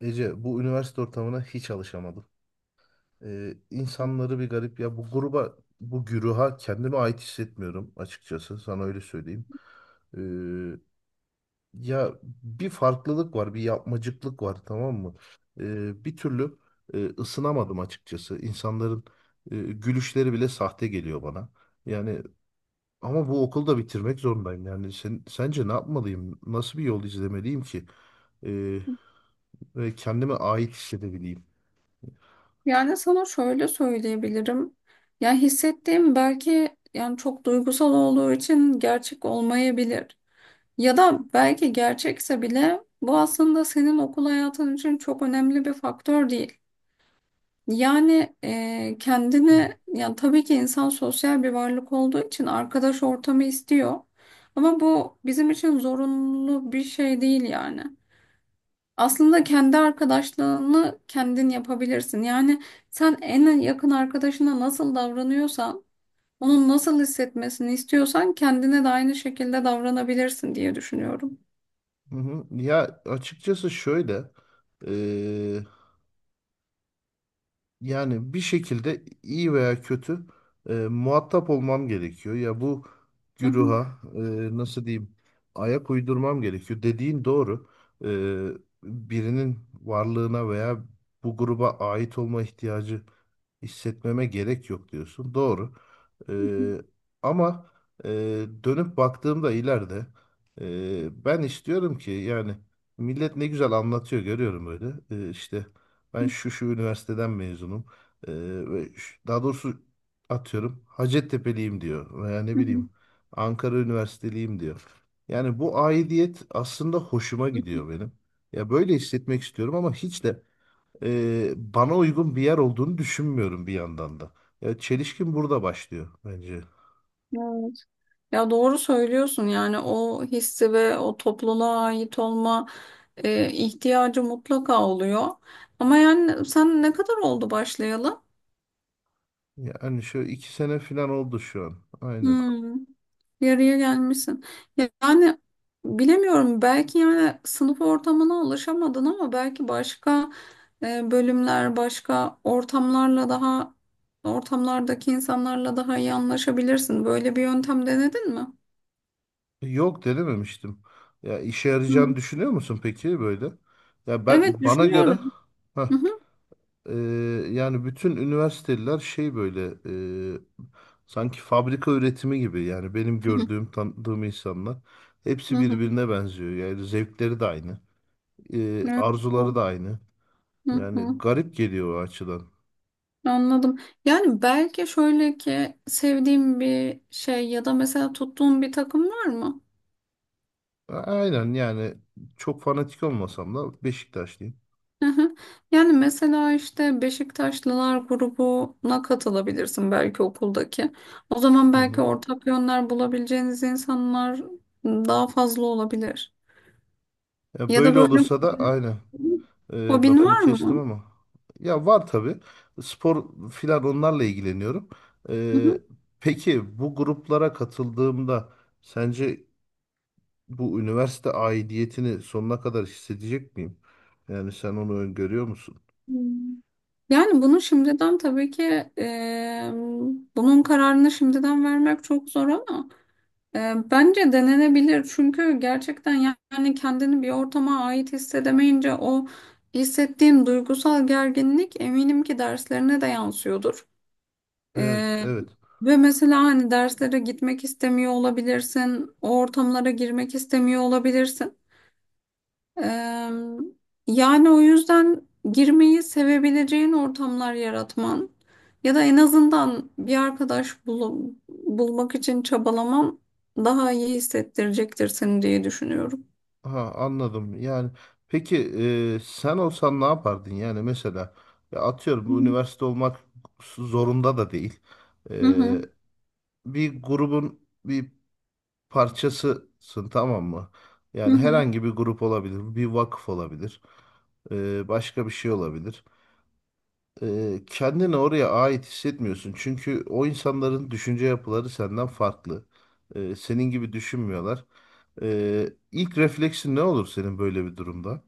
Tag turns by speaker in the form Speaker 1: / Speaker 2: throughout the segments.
Speaker 1: Ece, bu üniversite ortamına hiç alışamadım. İnsanları bir garip ya, bu gruba, bu güruha kendime ait hissetmiyorum açıkçası, sana öyle söyleyeyim. Ee, Ya bir farklılık var, bir yapmacıklık var, tamam mı? Bir türlü ısınamadım açıkçası. İnsanların gülüşleri bile sahte geliyor bana. Yani ama bu okulu da bitirmek zorundayım. Yani sen, sence ne yapmalıyım? Nasıl bir yol izlemeliyim ki? Ee, Ve kendime ait hissedebileyim?
Speaker 2: Yani sana şöyle söyleyebilirim. Ya hissettiğim belki yani çok duygusal olduğu için gerçek olmayabilir. Ya da belki gerçekse bile bu aslında senin okul hayatın için çok önemli bir faktör değil. Yani kendini yani tabii ki insan sosyal bir varlık olduğu için arkadaş ortamı istiyor. Ama bu bizim için zorunlu bir şey değil yani. Aslında kendi arkadaşlığını kendin yapabilirsin. Yani sen en yakın arkadaşına nasıl davranıyorsan, onun nasıl hissetmesini istiyorsan kendine de aynı şekilde davranabilirsin diye düşünüyorum.
Speaker 1: Hı hı. Ya açıkçası şöyle eee, yani bir şekilde iyi veya kötü muhatap olmam gerekiyor. Ya bu
Speaker 2: Hı hı,
Speaker 1: güruha nasıl diyeyim, ayak uydurmam gerekiyor. Dediğin doğru. Eee, Birinin varlığına veya bu gruba ait olma ihtiyacı hissetmeme gerek yok diyorsun. Doğru.
Speaker 2: hı hı,
Speaker 1: Ee, Ama e, dönüp baktığımda ileride, ben istiyorum ki, yani millet ne güzel anlatıyor görüyorum böyle. İşte ben şu şu üniversiteden mezunum. Ee, ve daha doğrusu atıyorum Hacettepe'liyim diyor, veya ne
Speaker 2: hı hı,
Speaker 1: bileyim Ankara Üniversiteliyim diyor. Yani bu aidiyet aslında hoşuma
Speaker 2: hı hı.
Speaker 1: gidiyor benim. Ya böyle hissetmek istiyorum ama hiç de bana uygun bir yer olduğunu düşünmüyorum bir yandan da. Ya çelişkin burada başlıyor bence.
Speaker 2: Evet. Ya doğru söylüyorsun, yani o hissi ve o topluluğa ait olma ihtiyacı mutlaka oluyor. Ama yani sen ne kadar oldu başlayalı?
Speaker 1: Yani şu iki sene falan oldu şu an. Aynen.
Speaker 2: Hmm. Yarıya gelmişsin. Yani bilemiyorum, belki yani sınıf ortamına ulaşamadın ama belki başka bölümler, başka ortamlarla daha ortamlardaki insanlarla daha iyi anlaşabilirsin. Böyle bir yöntem denedin mi?
Speaker 1: Yok, denememiştim. Ya işe yarayacağını
Speaker 2: Hı.
Speaker 1: düşünüyor musun peki böyle? Ya,
Speaker 2: Evet,
Speaker 1: ben bana göre,
Speaker 2: düşünüyorum.
Speaker 1: heh,
Speaker 2: Hı hı.
Speaker 1: e, yani bütün üniversiteler şey böyle e, sanki fabrika üretimi gibi. Yani benim
Speaker 2: Hı hı.
Speaker 1: gördüğüm tanıdığım insanlar
Speaker 2: Hı
Speaker 1: hepsi
Speaker 2: hı.
Speaker 1: birbirine benziyor. Yani zevkleri de aynı,
Speaker 2: Evet. O-
Speaker 1: arzuları da aynı.
Speaker 2: Hı
Speaker 1: Yani
Speaker 2: hı.
Speaker 1: garip geliyor o açıdan.
Speaker 2: Anladım. Yani belki şöyle ki, sevdiğin bir şey ya da mesela tuttuğun bir takım var mı?
Speaker 1: Aynen, yani çok fanatik olmasam da Beşiktaşlıyım.
Speaker 2: Hı hı. Yani mesela işte Beşiktaşlılar grubuna katılabilirsin belki okuldaki. O zaman
Speaker 1: Hı
Speaker 2: belki
Speaker 1: hı.
Speaker 2: ortak yönler bulabileceğiniz insanlar daha fazla olabilir.
Speaker 1: Ya
Speaker 2: Ya da
Speaker 1: böyle
Speaker 2: böyle,
Speaker 1: olursa da aynen,
Speaker 2: hobin
Speaker 1: lafını
Speaker 2: var
Speaker 1: kestim
Speaker 2: mı?
Speaker 1: ama, ya var tabii, spor filan, onlarla ilgileniyorum.
Speaker 2: Hı
Speaker 1: E,
Speaker 2: hı.
Speaker 1: peki bu gruplara katıldığımda sence bu üniversite aidiyetini sonuna kadar hissedecek miyim? Yani sen onu öngörüyor musun?
Speaker 2: Yani bunu şimdiden tabii ki bunun kararını şimdiden vermek çok zor, ama bence denenebilir çünkü gerçekten yani kendini bir ortama ait hissedemeyince o hissettiğin duygusal gerginlik eminim ki derslerine de yansıyordur.
Speaker 1: Evet,
Speaker 2: E,
Speaker 1: evet.
Speaker 2: Ve mesela hani derslere gitmek istemiyor olabilirsin, o ortamlara girmek istemiyor olabilirsin. Eee, Yani o yüzden girmeyi sevebileceğin ortamlar yaratman ya da en azından bir arkadaş bulmak için çabalaman daha iyi hissettirecektir seni diye düşünüyorum.
Speaker 1: Ha, anladım. Yani peki, sen olsan ne yapardın? Yani mesela, ya atıyorum bu üniversite olmak zorunda da değil.
Speaker 2: Hı
Speaker 1: E,
Speaker 2: hı,
Speaker 1: Bir grubun bir parçasısın, tamam mı?
Speaker 2: hı
Speaker 1: Yani
Speaker 2: hı.
Speaker 1: herhangi bir grup olabilir, bir vakıf olabilir, başka bir şey olabilir. Kendini oraya ait hissetmiyorsun çünkü o insanların düşünce yapıları senden farklı. Senin gibi düşünmüyorlar. İlk refleksin ne olur senin böyle bir durumda?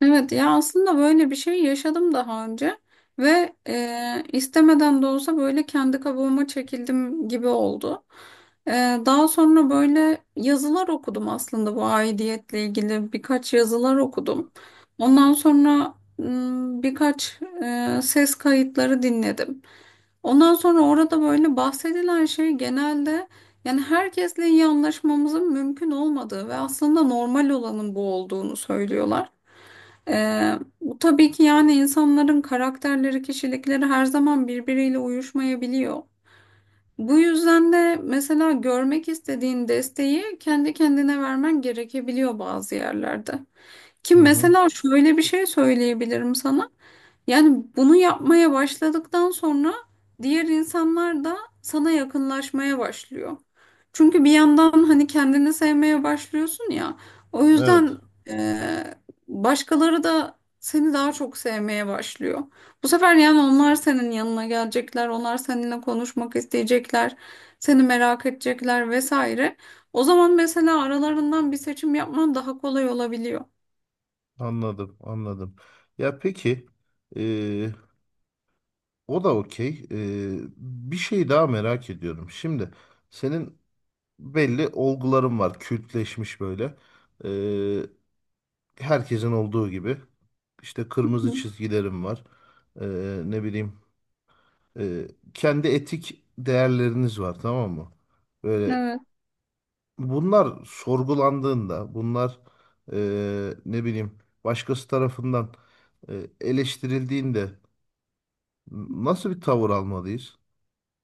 Speaker 2: Evet, ya aslında böyle bir şey yaşadım daha önce ve istemeden de olsa böyle kendi kabuğuma çekildim gibi oldu. E, Daha sonra böyle yazılar okudum, aslında bu aidiyetle ilgili birkaç yazılar okudum. Ondan sonra birkaç ses kayıtları dinledim. Ondan sonra orada böyle bahsedilen şey genelde, yani herkesle iyi anlaşmamızın mümkün olmadığı ve aslında normal olanın bu olduğunu söylüyorlar. Bu tabii ki yani insanların karakterleri, kişilikleri her zaman birbiriyle uyuşmayabiliyor. Bu yüzden de mesela görmek istediğin desteği kendi kendine vermen gerekebiliyor bazı yerlerde. Ki
Speaker 1: Hı hı.
Speaker 2: mesela şöyle bir şey söyleyebilirim sana. Yani bunu yapmaya başladıktan sonra diğer insanlar da sana yakınlaşmaya başlıyor. Çünkü bir yandan hani kendini sevmeye başlıyorsun ya. O
Speaker 1: Evet,
Speaker 2: yüzden eee, başkaları da seni daha çok sevmeye başlıyor. Bu sefer yani onlar senin yanına gelecekler, onlar seninle konuşmak isteyecekler, seni merak edecekler vesaire. O zaman mesela aralarından bir seçim yapman daha kolay olabiliyor.
Speaker 1: anladım, anladım. Ya peki, e, o da okey. Bir şey daha merak ediyorum. Şimdi senin belli olguların var, kültleşmiş böyle. E, Herkesin olduğu gibi. İşte kırmızı çizgilerim var. E, ne bileyim, e, kendi etik değerleriniz var, tamam mı? Böyle
Speaker 2: Evet.
Speaker 1: bunlar sorgulandığında, bunlar ne bileyim başkası tarafından eleştirildiğinde nasıl bir tavır almalıyız?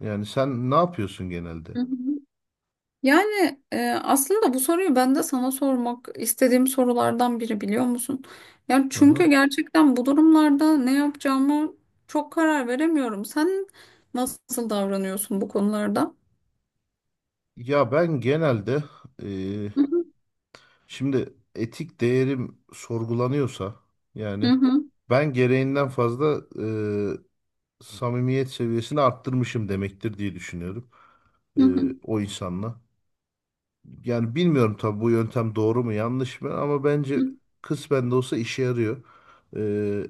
Speaker 1: Yani sen ne yapıyorsun genelde?
Speaker 2: Hı hı. Yani aslında bu soruyu ben de sana sormak istediğim sorulardan biri, biliyor musun? Yani
Speaker 1: Hı hı.
Speaker 2: çünkü gerçekten bu durumlarda ne yapacağımı çok karar veremiyorum. Sen nasıl davranıyorsun bu konularda?
Speaker 1: Ya ben genelde e,
Speaker 2: Hı hı.
Speaker 1: şimdi etik değerim sorgulanıyorsa
Speaker 2: Hı
Speaker 1: yani
Speaker 2: hı.
Speaker 1: ben gereğinden fazla samimiyet seviyesini arttırmışım demektir diye düşünüyorum
Speaker 2: Hı
Speaker 1: e,
Speaker 2: hı.
Speaker 1: o insanla. Yani bilmiyorum tabii bu yöntem doğru mu yanlış mı, ama bence
Speaker 2: Hı.
Speaker 1: kısmen de olsa işe yarıyor. Ee,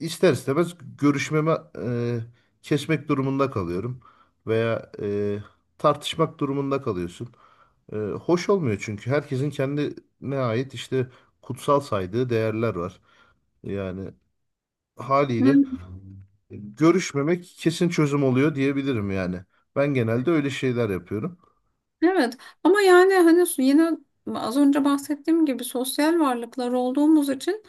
Speaker 1: ister istemez görüşmeme kesmek durumunda kalıyorum veya tartışmak durumunda kalıyorsun. Hoş olmuyor çünkü herkesin kendine ait işte kutsal saydığı değerler var. Yani haliyle
Speaker 2: Evet.
Speaker 1: görüşmemek kesin çözüm oluyor diyebilirim yani. Ben genelde öyle şeyler yapıyorum.
Speaker 2: Evet. Ama yani hani yine az önce bahsettiğim gibi sosyal varlıklar olduğumuz için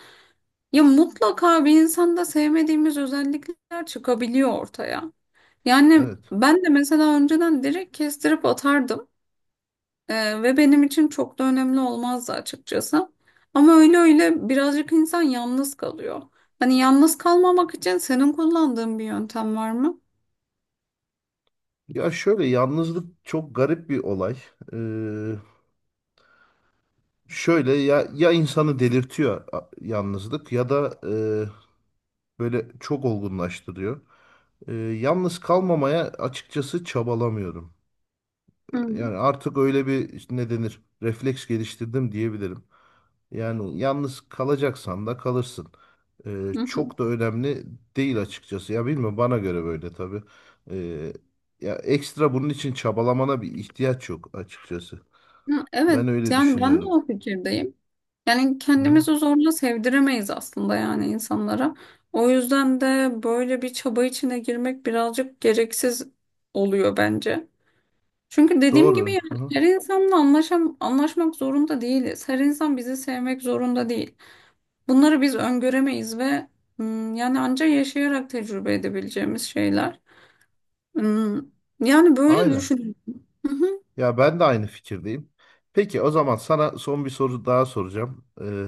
Speaker 2: ya mutlaka bir insanda sevmediğimiz özellikler çıkabiliyor ortaya. Yani
Speaker 1: Evet.
Speaker 2: ben de mesela önceden direkt kestirip atardım. Ve benim için çok da önemli olmazdı açıkçası. Ama öyle öyle birazcık insan yalnız kalıyor. Hani yalnız kalmamak için senin kullandığın bir yöntem var mı?
Speaker 1: Ya şöyle, yalnızlık çok garip bir olay. Ee, Şöyle, ya ya insanı delirtiyor yalnızlık, ya da böyle çok olgunlaştırıyor. Yalnız kalmamaya açıkçası çabalamıyorum.
Speaker 2: Hı hı.
Speaker 1: Yani artık öyle bir, işte ne denir, refleks geliştirdim diyebilirim. Yani yalnız kalacaksan da kalırsın.
Speaker 2: Hı.
Speaker 1: Çok da önemli değil açıkçası. Ya bilmiyorum, bana göre böyle tabii. Ee, Ya ekstra bunun için çabalamana bir ihtiyaç yok açıkçası.
Speaker 2: Hı, evet,
Speaker 1: Ben öyle
Speaker 2: yani ben de
Speaker 1: düşünüyorum.
Speaker 2: o fikirdeyim. Yani
Speaker 1: Hı hı.
Speaker 2: kendimizi zorla sevdiremeyiz aslında, yani insanlara. O yüzden de böyle bir çaba içine girmek birazcık gereksiz oluyor bence. Çünkü dediğim gibi
Speaker 1: Doğru. Hı
Speaker 2: yani
Speaker 1: hı.
Speaker 2: her insanla anlaşmak zorunda değiliz. Her insan bizi sevmek zorunda değil. Bunları biz öngöremeyiz ve yani ancak yaşayarak tecrübe edebileceğimiz şeyler. Hmm, Yani böyle
Speaker 1: Aynen.
Speaker 2: düşünüyorum. Hı hı.
Speaker 1: Ya ben de aynı fikirdeyim. Peki o zaman sana son bir soru daha soracağım.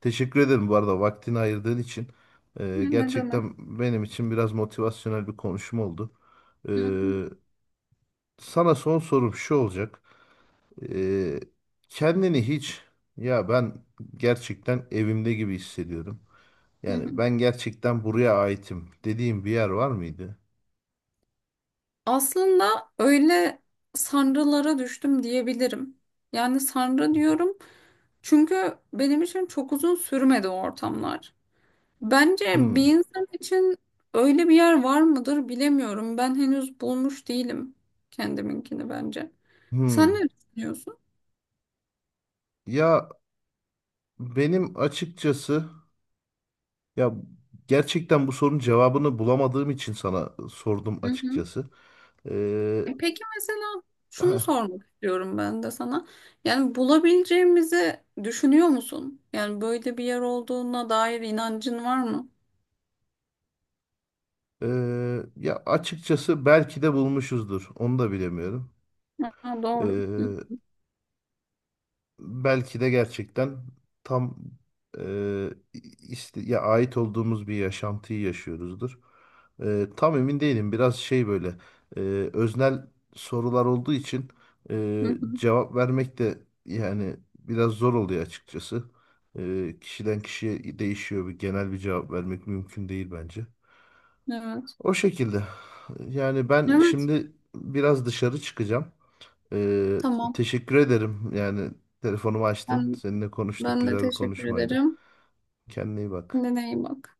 Speaker 1: Teşekkür ederim bu arada vaktini ayırdığın için.
Speaker 2: Ne demek?
Speaker 1: Gerçekten benim için biraz motivasyonel bir konuşma oldu.
Speaker 2: Hı hı,
Speaker 1: Ee, Sana son sorum şu olacak. Ee, Kendini hiç, ya ben gerçekten evimde gibi hissediyorum.
Speaker 2: hı
Speaker 1: Yani
Speaker 2: hı.
Speaker 1: ben gerçekten buraya aitim dediğim bir yer var mıydı?
Speaker 2: Aslında öyle sanrılara düştüm diyebilirim. Yani sanrı diyorum çünkü benim için çok uzun sürmedi o ortamlar. Bence bir
Speaker 1: Hmm,
Speaker 2: insan için öyle bir yer var mıdır bilemiyorum. Ben henüz bulmuş değilim kendiminkini, bence. Sen
Speaker 1: hmm.
Speaker 2: ne düşünüyorsun?
Speaker 1: Ya benim açıkçası. Ya gerçekten bu sorunun cevabını bulamadığım için sana sordum
Speaker 2: Hı hı.
Speaker 1: açıkçası. Ee,
Speaker 2: E, peki mesela şunu
Speaker 1: heh,
Speaker 2: sormak istiyorum ben de sana. Yani bulabileceğimizi düşünüyor musun? Yani böyle bir yer olduğuna dair inancın var mı?
Speaker 1: Ya açıkçası belki de bulmuşuzdur. Onu da bilemiyorum.
Speaker 2: Ha, doğru.
Speaker 1: Ee, Belki de gerçekten tam, e, ya ait olduğumuz bir yaşantıyı yaşıyoruzdur. E, tam emin değilim. Biraz şey böyle e, öznel sorular olduğu için
Speaker 2: Hı
Speaker 1: e,
Speaker 2: hı.
Speaker 1: cevap vermek de yani biraz zor oluyor açıkçası. Kişiden kişiye değişiyor. Bir genel bir cevap vermek mümkün değil bence.
Speaker 2: Evet.
Speaker 1: O şekilde. Yani ben
Speaker 2: Evet,
Speaker 1: şimdi biraz dışarı çıkacağım. Ee,
Speaker 2: tamam.
Speaker 1: Teşekkür ederim. Yani telefonumu açtın.
Speaker 2: Ben,
Speaker 1: Seninle konuştuk.
Speaker 2: ben de
Speaker 1: Güzel bir
Speaker 2: teşekkür
Speaker 1: konuşmaydı.
Speaker 2: ederim.
Speaker 1: Kendine iyi bak.
Speaker 2: Kendine iyi bak.